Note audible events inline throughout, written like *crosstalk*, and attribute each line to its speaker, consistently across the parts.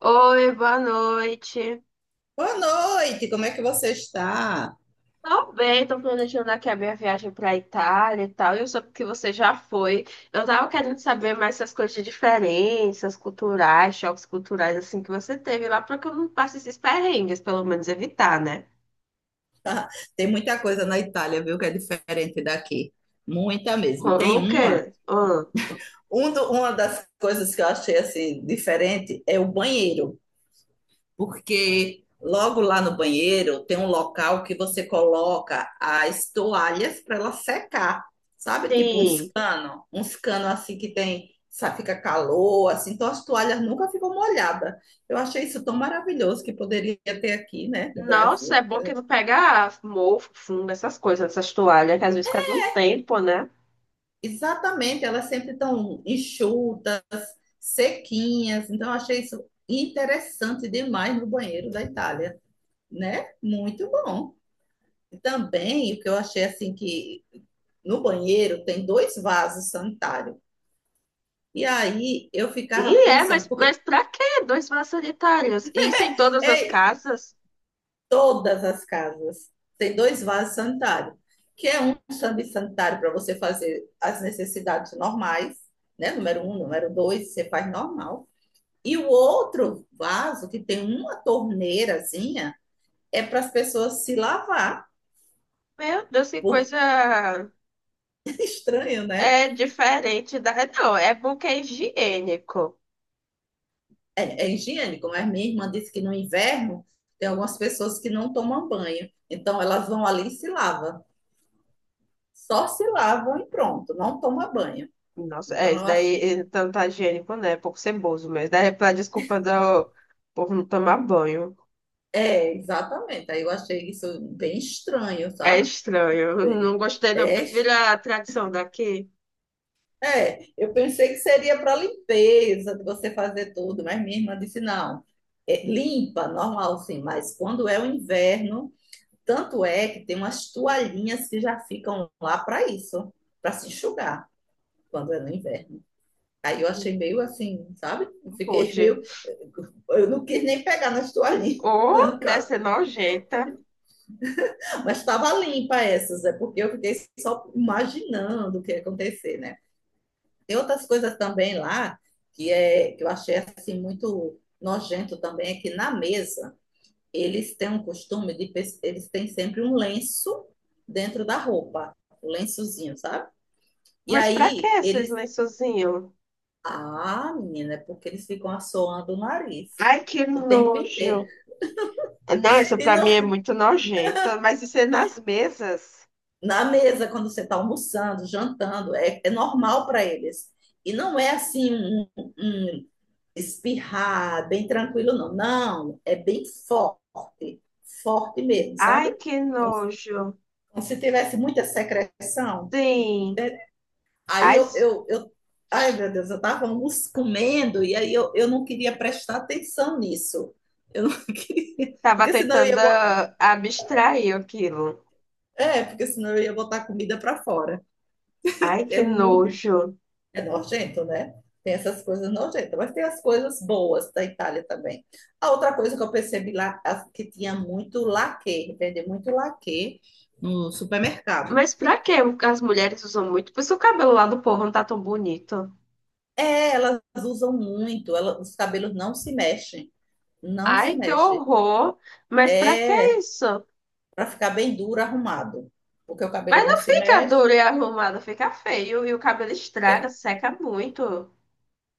Speaker 1: Oi, boa noite.
Speaker 2: Boa noite, como é que você está?
Speaker 1: Tô bem, tô planejando aqui a minha viagem pra Itália e tal. E eu soube que você já foi. Eu tava querendo saber mais essas coisas de diferenças culturais, choques culturais, assim, que você teve lá, pra que eu não passe esses perrengues, pelo menos evitar, né?
Speaker 2: Tem muita coisa na Itália, viu, que é diferente daqui. Muita mesmo.
Speaker 1: Como
Speaker 2: Tem
Speaker 1: o
Speaker 2: uma,
Speaker 1: quê? Ah,
Speaker 2: um do- Uma das coisas que eu achei assim diferente é o banheiro, porque logo lá no banheiro tem um local que você coloca as toalhas para ela secar, sabe? Tipo
Speaker 1: sim.
Speaker 2: uns cano assim que tem, sabe, fica calor, assim, então as toalhas nunca ficam molhadas. Eu achei isso tão maravilhoso que poderia ter aqui, né, no
Speaker 1: Nossa, é
Speaker 2: Brasil.
Speaker 1: bom que não pega mofo, fundo, essas coisas, essas toalhas, que às vezes fica um tempo, né?
Speaker 2: Exatamente, elas sempre estão enxutas, sequinhas. Então, eu achei isso interessante demais no banheiro da Itália, né? Muito bom. Também, o que eu achei assim que no banheiro tem dois vasos sanitários. E aí eu ficava
Speaker 1: E é, mas,
Speaker 2: pensando,
Speaker 1: mas
Speaker 2: porque
Speaker 1: pra quê? Dois vasos sanitários. Isso em todas as
Speaker 2: é
Speaker 1: casas?
Speaker 2: Todas as casas tem dois vasos sanitários, que é um serviço sanitário para você fazer as necessidades normais, né? Número um, número dois, você faz normal. E o outro vaso, que tem uma torneirazinha, é para as pessoas se lavar.
Speaker 1: Meu Deus, que
Speaker 2: Porque
Speaker 1: coisa
Speaker 2: é estranho, né?
Speaker 1: é diferente da. Não, é bom que é higiênico.
Speaker 2: É, é higiênico, mas minha irmã disse que no inverno tem algumas pessoas que não tomam banho. Então elas vão ali e se lavam. Só se lavam e pronto, não toma banho.
Speaker 1: Nossa, é,
Speaker 2: Então
Speaker 1: isso
Speaker 2: eu
Speaker 1: daí
Speaker 2: achei.
Speaker 1: tanto tá higiênico, né? É pouco ceboso, mas daí é pra desculpa do povo não tomar banho.
Speaker 2: É, exatamente. Aí eu achei isso bem estranho,
Speaker 1: É
Speaker 2: sabe?
Speaker 1: estranho. Eu não gostei, não. Eu
Speaker 2: É
Speaker 1: prefiro
Speaker 2: estranho.
Speaker 1: a tradição daqui.
Speaker 2: É, eu pensei que seria para limpeza, de você fazer tudo, mas minha irmã disse não. É, limpa, normal sim, mas quando é o inverno, tanto é que tem umas toalhinhas que já ficam lá para isso, para se enxugar quando é no inverno. Aí eu achei
Speaker 1: Hum.
Speaker 2: meio assim, sabe? Eu fiquei *laughs*
Speaker 1: Pode.
Speaker 2: meio. Eu não quis nem pegar nas toalhinhas.
Speaker 1: Ou
Speaker 2: *laughs*
Speaker 1: deve ser nojenta.
Speaker 2: Mas estava limpa essas, é porque eu fiquei só imaginando o que ia acontecer, né? Tem outras coisas também lá que eu achei assim muito nojento também, é que na mesa eles têm sempre um lenço dentro da roupa, o lençozinho, sabe? E
Speaker 1: Mas pra que
Speaker 2: aí
Speaker 1: esses
Speaker 2: eles,
Speaker 1: lençozinhos?
Speaker 2: ah, menina, é porque eles ficam assoando o nariz
Speaker 1: Ai, que
Speaker 2: o tempo
Speaker 1: nojo.
Speaker 2: inteiro.
Speaker 1: Não, isso
Speaker 2: E
Speaker 1: pra mim é
Speaker 2: não-
Speaker 1: muito nojento. Mas isso é nas mesas.
Speaker 2: Na mesa quando você está almoçando, jantando, é normal para eles. E não é assim um espirrar, bem tranquilo, não. Não, é bem forte, forte mesmo,
Speaker 1: Ai,
Speaker 2: sabe?
Speaker 1: que
Speaker 2: Então,
Speaker 1: nojo.
Speaker 2: se tivesse muita secreção,
Speaker 1: Sim.
Speaker 2: aí
Speaker 1: Ai,
Speaker 2: eu,
Speaker 1: s-
Speaker 2: eu, eu ai meu Deus, eu estava comendo e aí eu não queria prestar atenção nisso. Eu não *laughs* queria,
Speaker 1: tava
Speaker 2: porque senão eu ia
Speaker 1: tentando abstrair aquilo.
Speaker 2: botar comida para fora.
Speaker 1: Ai,
Speaker 2: É
Speaker 1: que
Speaker 2: muito
Speaker 1: nojo.
Speaker 2: É nojento, né? Tem essas coisas nojentas, mas tem as coisas boas da Itália também. A outra coisa que eu percebi lá, que tinha muito laque, vende muito laque no supermercado.
Speaker 1: Mas pra que as mulheres usam muito? Por isso o cabelo lá do povo não tá tão bonito.
Speaker 2: É, elas usam muito, os cabelos não se
Speaker 1: Ai, que
Speaker 2: mexem.
Speaker 1: horror. Mas pra que
Speaker 2: É,
Speaker 1: isso?
Speaker 2: para ficar bem duro, arrumado. Porque o cabelo
Speaker 1: Mas
Speaker 2: não
Speaker 1: não
Speaker 2: se
Speaker 1: fica
Speaker 2: mexe,
Speaker 1: duro e arrumado, fica feio. E o cabelo estraga, seca muito.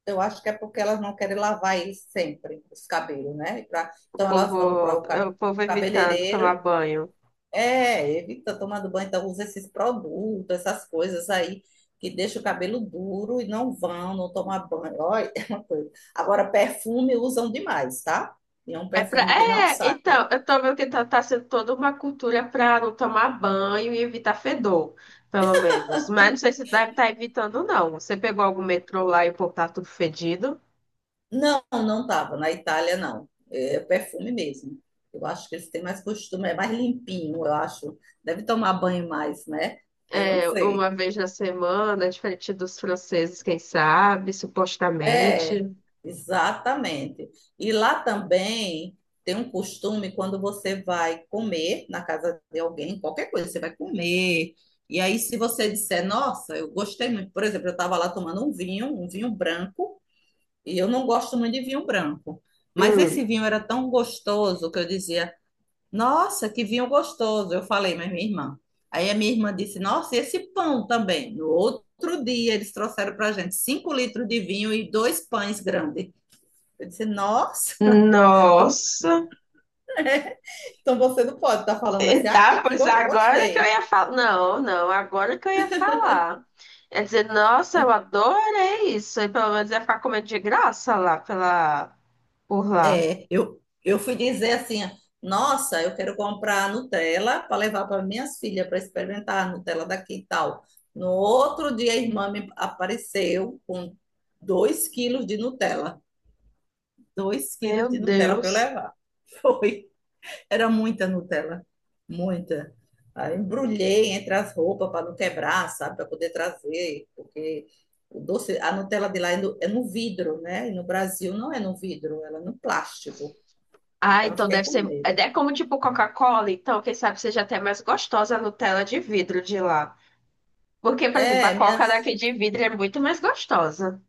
Speaker 2: eu acho que é porque elas não querem lavar eles sempre, os cabelos, né?
Speaker 1: O
Speaker 2: Então elas
Speaker 1: povo,
Speaker 2: vão para o
Speaker 1: o povo evitando tomar
Speaker 2: cabeleireiro.
Speaker 1: banho.
Speaker 2: É, evita tomar do banho, então usa esses produtos, essas coisas aí que deixa o cabelo duro e não tomar banho. Olha, *laughs* é uma coisa. Agora, perfume usam demais, tá? E é um
Speaker 1: É pra...
Speaker 2: perfume que não
Speaker 1: É,
Speaker 2: sai.
Speaker 1: então, eu tô vendo que tá sendo toda uma cultura para não tomar banho e evitar fedor, pelo menos. Mas não sei se deve estar evitando, não. Você pegou algum metrô lá e o povo tá tudo fedido?
Speaker 2: Não, não tava na Itália, não. É perfume mesmo. Eu acho que eles têm mais costume, é mais limpinho, eu acho. Deve tomar banho mais, né? Eu não
Speaker 1: É, uma
Speaker 2: sei.
Speaker 1: vez na semana, diferente dos franceses, quem sabe, supostamente.
Speaker 2: É, exatamente. E lá também tem um costume quando você vai comer na casa de alguém, qualquer coisa, você vai comer. E aí, se você disser, nossa, eu gostei muito, por exemplo, eu estava lá tomando um vinho branco, e eu não gosto muito de vinho branco. Mas
Speaker 1: Hum.
Speaker 2: esse vinho era tão gostoso que eu dizia, nossa, que vinho gostoso! Eu falei, mas minha irmã. Aí a minha irmã disse: nossa, e esse pão também. No outro dia eles trouxeram para a gente 5 litros de vinho e dois pães grandes. Eu disse: nossa, *laughs* então,
Speaker 1: Nossa! *laughs*
Speaker 2: é, então você não pode estar falando
Speaker 1: E
Speaker 2: assim,
Speaker 1: tá,
Speaker 2: ai,
Speaker 1: pois agora que eu
Speaker 2: gostei.
Speaker 1: ia falar. Não, não, agora que eu ia falar. É dizer, nossa, eu adorei isso. E pelo menos ia ficar comendo de graça lá pela, por lá.
Speaker 2: É, eu fui dizer assim: nossa, eu quero comprar Nutella para levar para minhas filhas para experimentar a Nutella daqui e tal. No outro dia a irmã me apareceu com dois quilos de Nutella. dois
Speaker 1: Meu
Speaker 2: quilos de Nutella para eu
Speaker 1: Deus.
Speaker 2: levar. *laughs* Foi. Era muita Nutella, muita. Aí embrulhei entre as roupas para não quebrar, sabe? Para poder trazer, porque o doce, a Nutella de lá é no vidro, né? E no Brasil não é no vidro, ela é no plástico.
Speaker 1: Ah,
Speaker 2: Então eu
Speaker 1: então
Speaker 2: fiquei
Speaker 1: deve
Speaker 2: com
Speaker 1: ser. É,
Speaker 2: medo.
Speaker 1: é como tipo Coca-Cola, então, quem sabe seja até mais gostosa a Nutella de vidro de lá. Porque, por exemplo, a
Speaker 2: É,
Speaker 1: Coca
Speaker 2: minhas.
Speaker 1: daqui de vidro é muito mais gostosa.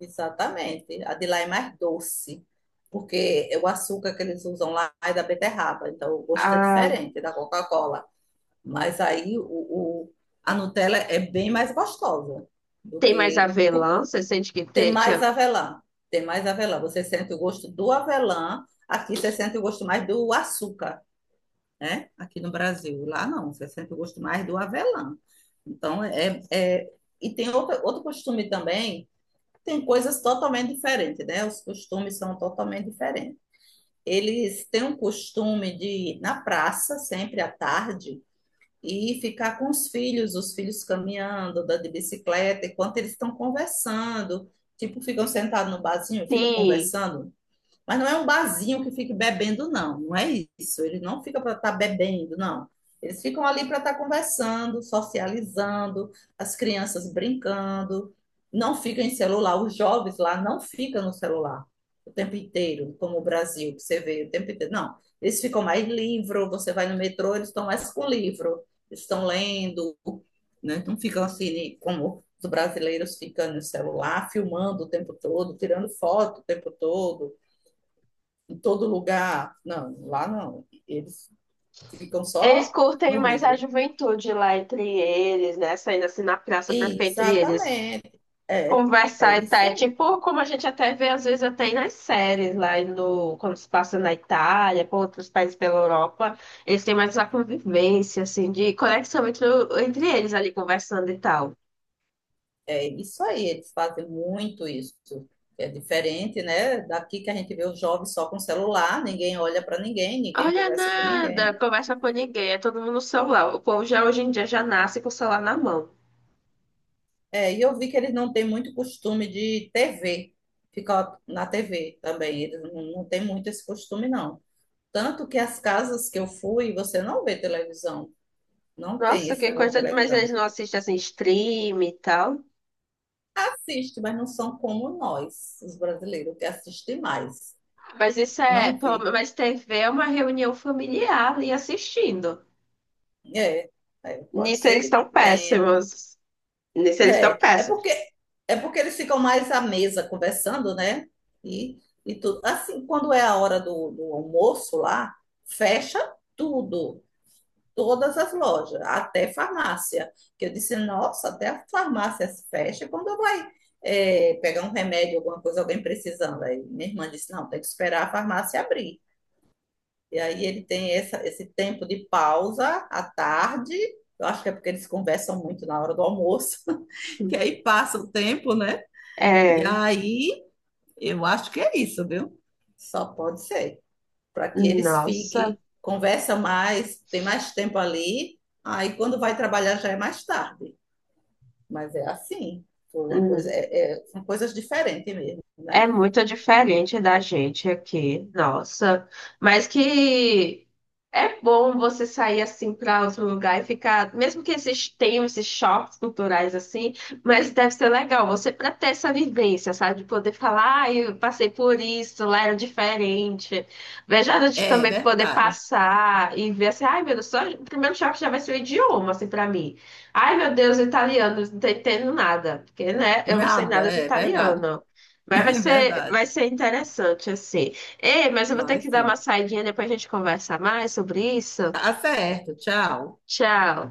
Speaker 2: Exatamente. A de lá é mais doce, porque é o açúcar que eles usam lá é da beterraba, então o gosto é
Speaker 1: Ah,
Speaker 2: diferente da Coca-Cola. Mas aí o, o- a Nutella é bem mais gostosa do
Speaker 1: tem mais
Speaker 2: que por-
Speaker 1: avelã, você sente que
Speaker 2: tem
Speaker 1: te-
Speaker 2: mais
Speaker 1: tinha.
Speaker 2: avelã. Tem mais avelã. Você sente o gosto do avelã, aqui você sente o gosto mais do açúcar, né? Aqui no Brasil. Lá não, você sente o gosto mais do avelã. Então é, é- e tem outro costume também, tem coisas totalmente diferentes, né? Os costumes são totalmente diferentes. Eles têm um costume de, na praça, sempre à tarde, e ficar com os filhos caminhando, dando de bicicleta, enquanto eles estão conversando. Tipo, ficam sentados no barzinho, ficam
Speaker 1: Sim.
Speaker 2: conversando, mas não é um barzinho que fique bebendo, não. Não é isso. Eles não ficam para estar bebendo, não. Eles ficam ali para estar conversando, socializando, as crianças brincando. Não ficam em celular. Os jovens lá não ficam no celular o tempo inteiro, como o Brasil, que você vê o tempo inteiro. Não. Eles ficam mais livro. Você vai no metrô, eles estão mais com livro. Eles estão lendo, né? Não ficam assim, como os brasileiros ficam no celular, filmando o tempo todo, tirando foto o tempo todo em todo lugar. Não, lá não. Eles ficam
Speaker 1: Eles
Speaker 2: só
Speaker 1: curtem
Speaker 2: no
Speaker 1: mais a
Speaker 2: livro.
Speaker 1: juventude lá entre eles, né? Saindo assim na praça pra ficar entre eles.
Speaker 2: Exatamente. É, é
Speaker 1: Conversar e tá,
Speaker 2: isso
Speaker 1: é
Speaker 2: aí.
Speaker 1: tipo como a gente até vê às vezes até aí nas séries lá no, quando se passa na Itália, por outros países pela Europa, eles têm mais uma convivência, assim, de conexão entre, o- entre eles ali conversando e tal.
Speaker 2: É isso aí. Eles fazem muito isso. É diferente, né? Daqui que a gente vê os jovens só com celular, ninguém olha para ninguém, ninguém
Speaker 1: Olha
Speaker 2: conversa com
Speaker 1: nada,
Speaker 2: ninguém.
Speaker 1: conversa com ninguém, é todo mundo no celular. O povo já hoje em dia já nasce com o celular na mão.
Speaker 2: É, e eu vi que eles não têm muito costume de TV, ficar na TV também. Eles não, não têm muito esse costume, não. Tanto que as casas que eu fui, você não vê televisão, não tem
Speaker 1: Nossa,
Speaker 2: esse
Speaker 1: que
Speaker 2: negócio de
Speaker 1: coisa, de- mas
Speaker 2: televisão.
Speaker 1: eles não assistem assim stream e tal.
Speaker 2: Assiste, mas não são como nós, os brasileiros, que assistem mais.
Speaker 1: Mas isso é,
Speaker 2: Não
Speaker 1: pelo-
Speaker 2: vê.
Speaker 1: menos- mas TV é uma reunião familiar e assistindo.
Speaker 2: É, pode
Speaker 1: Nisso
Speaker 2: ser
Speaker 1: eles
Speaker 2: que
Speaker 1: estão
Speaker 2: tenha.
Speaker 1: péssimos. Nesse eles estão
Speaker 2: É, é
Speaker 1: péssimos.
Speaker 2: porque é porque eles ficam mais à mesa conversando, né? E, e tudo. Assim, quando é a hora do almoço lá, fecha tudo, todas as lojas, até farmácia. Que eu disse, nossa, até a farmácia se fecha quando vai pegar um remédio, alguma coisa, alguém precisando. Aí minha irmã disse, não, tem que esperar a farmácia abrir. E aí ele tem esse tempo de pausa à tarde. Eu acho que é porque eles conversam muito na hora do almoço, *laughs* que aí passa o tempo, né? E
Speaker 1: É,
Speaker 2: aí eu acho que é isso, viu? Só pode ser. Para que eles
Speaker 1: nossa.
Speaker 2: fiquem, conversam mais, tem mais tempo ali. Aí quando vai trabalhar já é mais tarde. Mas é assim. Foi uma coisa,
Speaker 1: Hum.
Speaker 2: são coisas diferentes mesmo,
Speaker 1: É
Speaker 2: né?
Speaker 1: muito diferente da gente aqui, nossa. Mas que é bom você sair assim para outro lugar e ficar, mesmo que esses tenham esses choques culturais assim, mas deve ser legal você para ter essa vivência, sabe? De poder falar, ah, eu passei por isso, lá era diferente. Veja de
Speaker 2: É
Speaker 1: também poder
Speaker 2: verdade.
Speaker 1: passar e ver assim, ai meu Deus, só o primeiro choque já vai ser o idioma, assim, para mim. Ai meu Deus, italiano, não tô entendendo nada, porque né, eu não sei
Speaker 2: Nada,
Speaker 1: nada de
Speaker 2: é verdade.
Speaker 1: italiano. Mas vai
Speaker 2: *laughs* É
Speaker 1: ser,
Speaker 2: verdade.
Speaker 1: vai ser interessante, assim. Ei, mas eu vou ter
Speaker 2: Vai
Speaker 1: que dar uma
Speaker 2: sim.
Speaker 1: saidinha, depois a gente conversa mais sobre isso.
Speaker 2: Tá certo, tchau.
Speaker 1: Tchau.